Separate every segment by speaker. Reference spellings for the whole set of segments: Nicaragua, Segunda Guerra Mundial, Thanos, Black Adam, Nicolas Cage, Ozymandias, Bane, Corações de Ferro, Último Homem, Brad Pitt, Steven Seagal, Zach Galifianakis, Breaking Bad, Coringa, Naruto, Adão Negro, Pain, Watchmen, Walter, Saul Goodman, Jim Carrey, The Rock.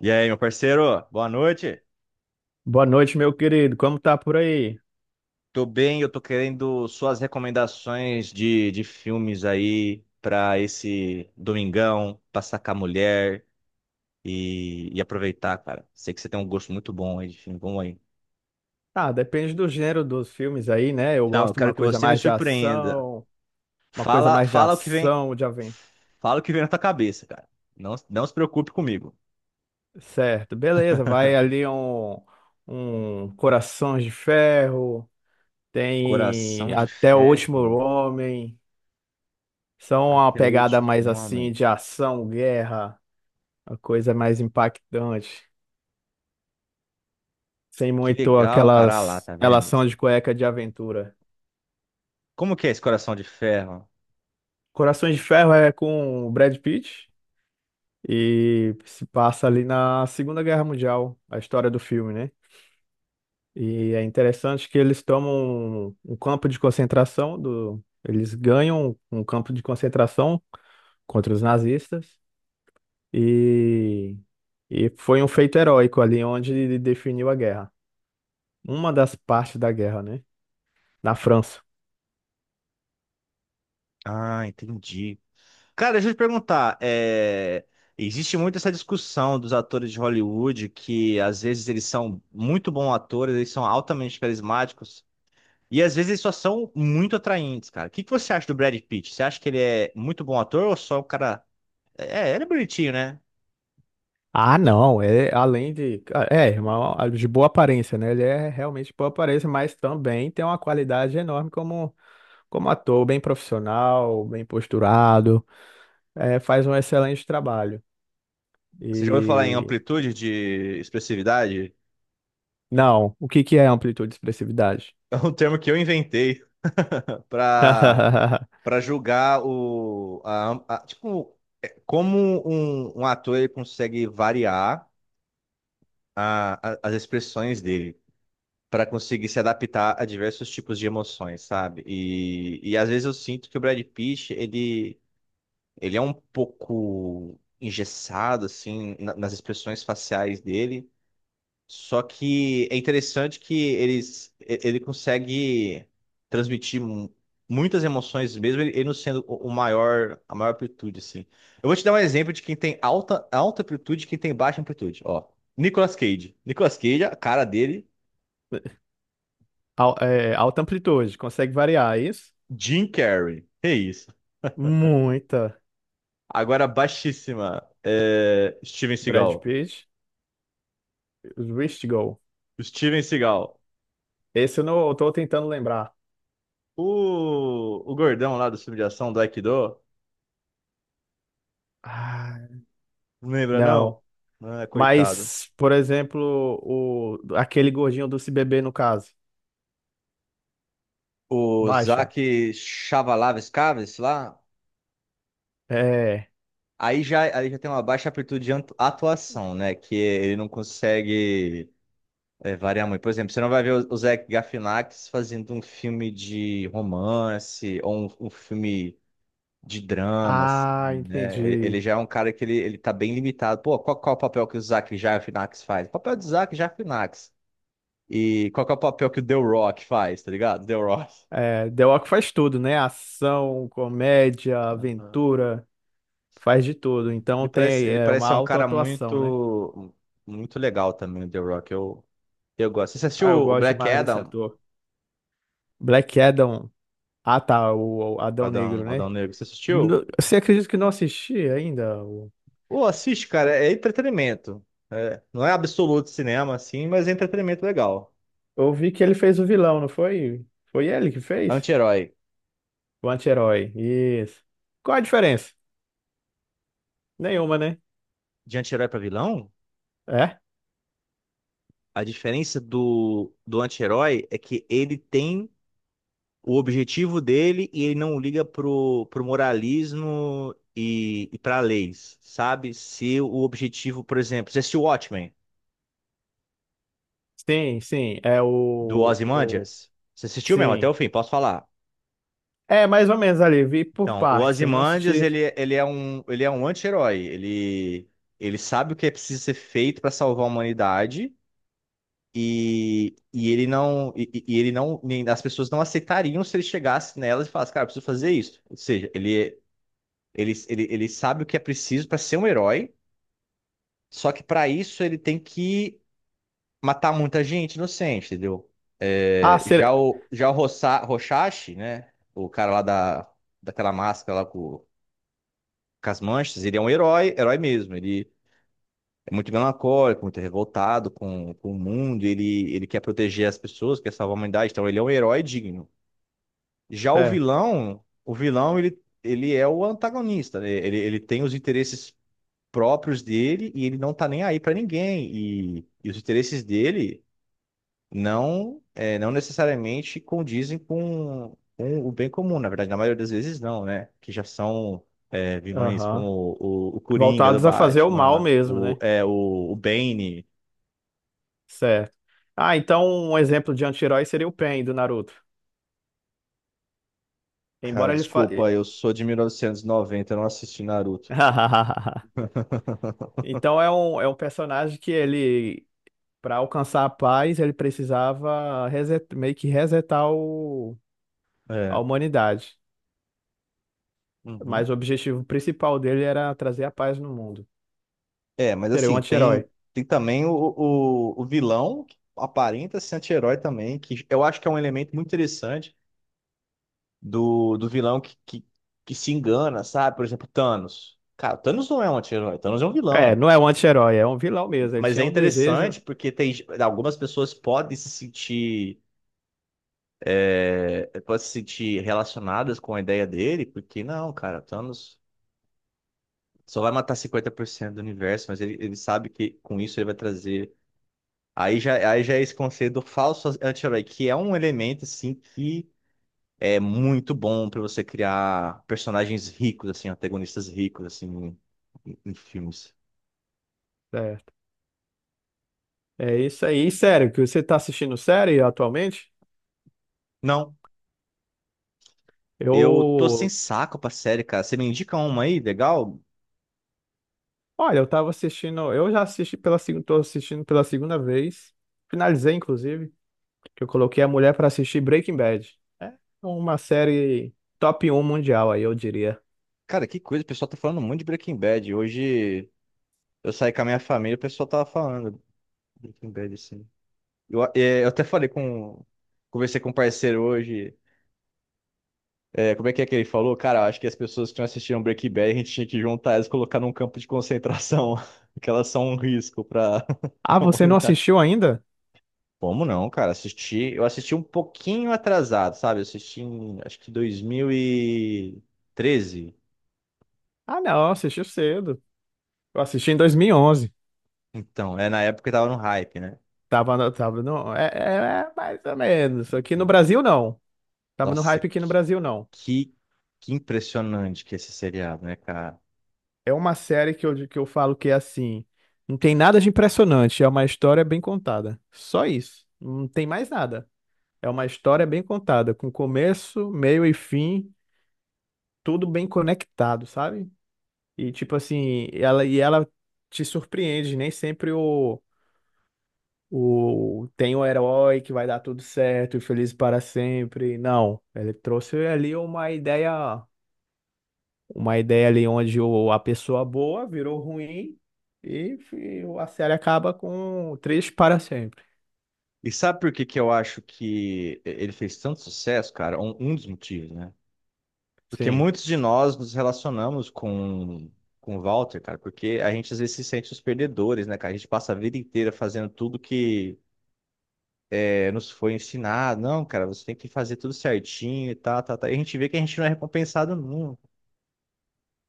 Speaker 1: E aí, meu parceiro, boa noite.
Speaker 2: Boa noite, meu querido. Como tá por aí?
Speaker 1: Tô bem, eu tô querendo suas recomendações de filmes aí pra esse domingão, passar com a mulher e aproveitar, cara. Sei que você tem um gosto muito bom aí de filme, vamos aí.
Speaker 2: Ah, depende do gênero dos filmes aí, né? Eu
Speaker 1: Então, eu
Speaker 2: gosto de
Speaker 1: quero
Speaker 2: uma
Speaker 1: que
Speaker 2: coisa
Speaker 1: você me
Speaker 2: mais de
Speaker 1: surpreenda.
Speaker 2: ação,
Speaker 1: Fala, fala o que vem,
Speaker 2: de aventura.
Speaker 1: fala o que vem na tua cabeça, cara. Não se preocupe comigo.
Speaker 2: Certo, beleza. Vai ali um Corações de Ferro, tem
Speaker 1: Coração de
Speaker 2: até o Último
Speaker 1: ferro,
Speaker 2: Homem. São uma
Speaker 1: até o
Speaker 2: pegada
Speaker 1: último
Speaker 2: mais assim
Speaker 1: homem.
Speaker 2: de ação, guerra, uma coisa mais impactante, sem
Speaker 1: Que
Speaker 2: muito
Speaker 1: legal, cara, ah lá,
Speaker 2: aquelas
Speaker 1: tá vendo?
Speaker 2: relação de cueca de aventura.
Speaker 1: Como que é esse coração de ferro?
Speaker 2: Corações de Ferro é com o Brad Pitt e se passa ali na Segunda Guerra Mundial, a história do filme, né? E é interessante que eles tomam um campo de concentração eles ganham um campo de concentração contra os nazistas e foi um feito heróico ali onde ele definiu a guerra. Uma das partes da guerra, né? Na França.
Speaker 1: Ah, entendi. Cara, deixa eu te perguntar, existe muito essa discussão dos atores de Hollywood que às vezes eles são muito bons atores, eles são altamente carismáticos e às vezes eles só são muito atraentes, cara. O que que você acha do Brad Pitt? Você acha que ele é muito bom ator ou só o cara... É, ele é bonitinho, né?
Speaker 2: Ah, não, é além de. É, de boa aparência, né? Ele é realmente boa aparência, mas também tem uma qualidade enorme como ator, bem profissional, bem posturado, é, faz um excelente trabalho.
Speaker 1: Você já ouviu falar em
Speaker 2: E
Speaker 1: amplitude de expressividade?
Speaker 2: não, o que que é amplitude e expressividade?
Speaker 1: É um termo que eu inventei para julgar tipo como um ator ele consegue variar as expressões dele para conseguir se adaptar a diversos tipos de emoções, sabe? E às vezes eu sinto que o Brad Pitt ele é um pouco engessado assim nas expressões faciais dele. Só que é interessante que ele consegue transmitir muitas emoções mesmo, ele não sendo o maior, a maior amplitude, assim. Eu vou te dar um exemplo de quem tem alta amplitude e quem tem baixa amplitude, ó. Nicolas Cage. Nicolas Cage, a cara dele,
Speaker 2: É, alta amplitude, consegue variar, é isso?
Speaker 1: Jim Carrey. É isso.
Speaker 2: Muita.
Speaker 1: Agora, baixíssima, Steven
Speaker 2: Brad
Speaker 1: Seagal.
Speaker 2: Pitt, Rich Go.
Speaker 1: Steven Seagal.
Speaker 2: Esse eu não eu tô tentando lembrar.
Speaker 1: O gordão lá do filme de ação, do Aikido,
Speaker 2: Ah,
Speaker 1: não lembra não?
Speaker 2: não.
Speaker 1: Ah, coitado.
Speaker 2: Mas, por exemplo, o, aquele gordinho do Se Beber, no caso.
Speaker 1: O
Speaker 2: Baixa.
Speaker 1: Zach Chavalavas-Caves lá,
Speaker 2: É.
Speaker 1: aí já tem uma baixa amplitude de atuação, né? Que ele não consegue variar muito. Por exemplo, você não vai ver o Zach Galifianakis fazendo um filme de romance ou um filme de drama, assim,
Speaker 2: Ah,
Speaker 1: né? Ele
Speaker 2: entendi.
Speaker 1: já é um cara que ele tá bem limitado. Pô, qual é o papel que o Zach Galifianakis faz? O papel do Zach Galifianakis. E qual que é o papel que o The Rock faz, tá ligado? The Rock.
Speaker 2: É, The Rock faz tudo, né? Ação, comédia, aventura, faz de tudo.
Speaker 1: Ele
Speaker 2: Então
Speaker 1: parece,
Speaker 2: tem
Speaker 1: ele
Speaker 2: é,
Speaker 1: parece
Speaker 2: uma
Speaker 1: ser um
Speaker 2: alta
Speaker 1: cara
Speaker 2: atuação, né?
Speaker 1: muito, muito legal também, o The Rock. Eu gosto. Você assistiu
Speaker 2: Ah, eu
Speaker 1: o
Speaker 2: gosto
Speaker 1: Black
Speaker 2: demais desse
Speaker 1: Adam?
Speaker 2: ator. Black Adam. Ah, tá, o Adão Negro,
Speaker 1: Adão
Speaker 2: né?
Speaker 1: Negro, você assistiu?
Speaker 2: Você acredita que não assisti ainda?
Speaker 1: Pô, assiste, cara. É entretenimento. É, não é absoluto cinema, assim, mas é entretenimento legal.
Speaker 2: Eu vi que ele fez o vilão, não foi? Foi ele que fez?
Speaker 1: Anti-herói.
Speaker 2: O anti-herói. Isso. Qual a diferença? Nenhuma, né?
Speaker 1: De anti-herói pra vilão,
Speaker 2: É?
Speaker 1: a diferença do anti-herói é que ele tem o objetivo dele e ele não liga pro moralismo e pra leis, sabe? Se o objetivo, por exemplo, você assistiu Watchmen?
Speaker 2: Sim, sim. É
Speaker 1: Do
Speaker 2: o, o...
Speaker 1: Ozymandias? Você assistiu mesmo até
Speaker 2: Sim.
Speaker 1: o fim, posso falar.
Speaker 2: É, mais ou menos ali, vi por
Speaker 1: Então, o
Speaker 2: partes. Eu não
Speaker 1: Ozymandias,
Speaker 2: assisti.
Speaker 1: ele é um, ele é um anti-herói. Ele sabe o que é preciso ser feito para salvar a humanidade e ele não, as pessoas não aceitariam se ele chegasse nelas e falasse, cara, eu preciso fazer isso. Ou seja, ele sabe o que é preciso para ser um herói, só que para isso ele tem que matar muita gente inocente, entendeu?
Speaker 2: Ah,
Speaker 1: É,
Speaker 2: ser...
Speaker 1: já o Roshashi, né? O cara lá da, daquela máscara lá com as manchas, ele é um herói, herói mesmo. Ele é muito melancólico, muito revoltado com o mundo. Ele quer proteger as pessoas, quer salvar a humanidade. Então ele é um herói digno. Já
Speaker 2: Certo.
Speaker 1: o vilão, ele é o antagonista, né? Ele tem os interesses próprios dele e ele não tá nem aí pra ninguém. E os interesses dele. Não necessariamente condizem com o bem comum. Na verdade, na maioria das vezes não, né? Que já são vilões
Speaker 2: Aham.
Speaker 1: como o Coringa do
Speaker 2: Voltados a fazer o mal
Speaker 1: Batman,
Speaker 2: mesmo, né?
Speaker 1: o Bane.
Speaker 2: Certo. Ah, então um exemplo de anti-herói seria o Pain do Naruto.
Speaker 1: Cara,
Speaker 2: Embora ele fa...
Speaker 1: desculpa, eu sou de 1990, eu não assisti Naruto.
Speaker 2: Então é um personagem que ele, para alcançar a paz, ele precisava meio que resetar o... a
Speaker 1: É.
Speaker 2: humanidade.
Speaker 1: Uhum.
Speaker 2: Mas o objetivo principal dele era trazer a paz no mundo.
Speaker 1: É, mas
Speaker 2: Seria um
Speaker 1: assim,
Speaker 2: anti-herói.
Speaker 1: tem, tem também o vilão que aparenta ser anti-herói também, que eu acho que é um elemento muito interessante do vilão que se engana, sabe? Por exemplo, Thanos. Cara, Thanos não é um anti-herói, Thanos é um
Speaker 2: É,
Speaker 1: vilão.
Speaker 2: não é um anti-herói, é um vilão mesmo. Ele
Speaker 1: Mas é
Speaker 2: tinha o desejo.
Speaker 1: interessante porque tem algumas pessoas podem se sentir, podem se sentir relacionadas com a ideia dele, porque não, cara, Thanos só vai matar 50% do universo, mas ele sabe que com isso ele vai trazer. Aí já é esse conceito do falso anti-herói, que é um elemento assim que é muito bom para você criar personagens ricos, assim, antagonistas ricos, assim, em filmes.
Speaker 2: é, É isso aí. E sério, que você tá assistindo série atualmente?
Speaker 1: Não, eu tô sem
Speaker 2: Eu,
Speaker 1: saco pra série, cara. Você me indica uma aí, legal?
Speaker 2: olha, eu tava assistindo, eu já assisti pela segunda, tô assistindo pela segunda vez. Finalizei, inclusive, que eu coloquei a mulher pra assistir Breaking Bad. É uma série top um mundial aí, eu diria.
Speaker 1: Cara, que coisa, o pessoal tá falando muito de Breaking Bad. Hoje eu saí com a minha família, o pessoal tava falando de Breaking Bad, assim. Eu até falei com. Conversei com um parceiro hoje. Como é que ele falou? Cara, eu acho que as pessoas que não assistiram Breaking Bad, a gente tinha que juntar elas e colocar num campo de concentração, que elas são um risco pra,
Speaker 2: Ah,
Speaker 1: pra
Speaker 2: você não
Speaker 1: humanidade.
Speaker 2: assistiu ainda?
Speaker 1: Como não, cara? Assisti, eu assisti um pouquinho atrasado, sabe? Eu assisti em, acho que 2013.
Speaker 2: Ah, não, assistiu cedo. Eu assisti em 2011.
Speaker 1: Então, é na época que tava no hype, né?
Speaker 2: Tava no, é, é, é mais ou menos. Aqui no
Speaker 1: Hum.
Speaker 2: Brasil, não. Tava no
Speaker 1: Nossa,
Speaker 2: hype aqui no Brasil, não.
Speaker 1: que, que impressionante que é esse seriado, né, cara?
Speaker 2: É uma série que eu falo que é assim, não tem nada de impressionante, é uma história bem contada. Só isso, não tem mais nada. É uma história bem contada, com começo, meio e fim, tudo bem conectado, sabe? E tipo assim, ela te surpreende, nem sempre o tem o herói que vai dar tudo certo e feliz para sempre. Não, ele trouxe ali uma ideia, ali onde a pessoa boa virou ruim e a série acaba com três para sempre.
Speaker 1: E sabe por que que eu acho que ele fez tanto sucesso, cara? Um dos motivos, né? Porque
Speaker 2: Sim,
Speaker 1: muitos de nós nos relacionamos com o Walter, cara, porque a gente às vezes se sente os perdedores, né, cara? A gente passa a vida inteira fazendo tudo que nos foi ensinado, não, cara, você tem que fazer tudo certinho e tal, tal, tal. E a gente vê que a gente não é recompensado nunca. O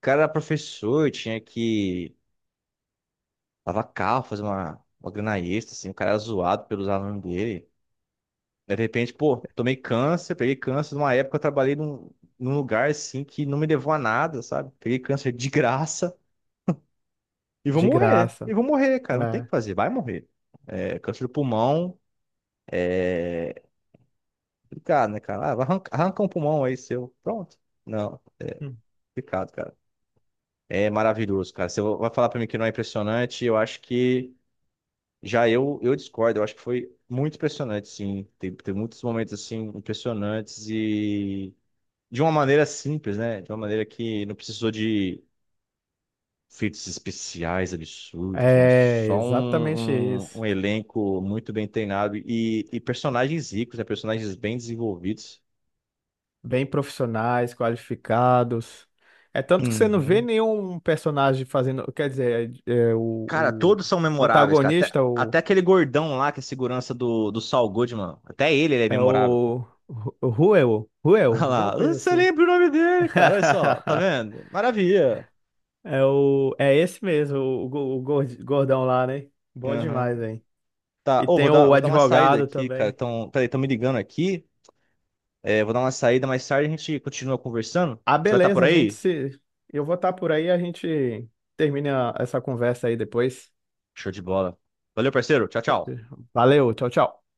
Speaker 1: cara era professor, tinha que lavar carro, fazer uma grana extra, assim, o cara era zoado pelos alunos dele. Aí, de repente, pô, tomei câncer, peguei câncer numa época, eu trabalhei num, num lugar, assim, que não me levou a nada, sabe? Peguei câncer de graça
Speaker 2: de graça.
Speaker 1: e vou morrer, cara, não tem o
Speaker 2: É.
Speaker 1: que fazer, vai morrer. É, câncer do pulmão, complicado, né, cara? Ah, vai arranca, arranca um pulmão aí seu, pronto. Não,
Speaker 2: Hum.
Speaker 1: complicado, cara. É maravilhoso, cara. Você vai falar pra mim que não é impressionante, eu acho que eu discordo. Eu acho que foi muito impressionante, sim. Tem muitos momentos assim impressionantes e de uma maneira simples, né? De uma maneira que não precisou de efeitos especiais absurdos, né?
Speaker 2: É
Speaker 1: Só
Speaker 2: exatamente isso.
Speaker 1: um elenco muito bem treinado e personagens ricos, né? Personagens bem desenvolvidos.
Speaker 2: Bem profissionais, qualificados. É tanto que você não vê
Speaker 1: Uhum.
Speaker 2: nenhum personagem fazendo. Quer dizer,
Speaker 1: Cara,
Speaker 2: o
Speaker 1: todos são memoráveis, cara.
Speaker 2: antagonista, o,
Speaker 1: Até aquele gordão lá que é segurança do Saul Goodman. Até ele é
Speaker 2: é
Speaker 1: memorável, cara.
Speaker 2: o. o Ruel,
Speaker 1: Olha
Speaker 2: alguma
Speaker 1: lá.
Speaker 2: coisa
Speaker 1: Você
Speaker 2: assim.
Speaker 1: lembra o nome dele, cara. Olha só. Tá vendo? Maravilha.
Speaker 2: É, o, é esse mesmo, o gordão lá, né? Bom
Speaker 1: Aham.
Speaker 2: demais, hein?
Speaker 1: Tá.
Speaker 2: E
Speaker 1: Ô,
Speaker 2: tem o
Speaker 1: vou dar uma saída
Speaker 2: advogado
Speaker 1: aqui, cara.
Speaker 2: também.
Speaker 1: Então, peraí, estão me ligando aqui. É, vou dar uma saída mais tarde. A gente continua conversando.
Speaker 2: Ah,
Speaker 1: Você vai estar por
Speaker 2: beleza, a gente
Speaker 1: aí?
Speaker 2: se. Eu vou estar por aí, a gente termina essa conversa aí depois.
Speaker 1: Show de bola. Valeu, parceiro. Tchau, tchau.
Speaker 2: Valeu, tchau, tchau.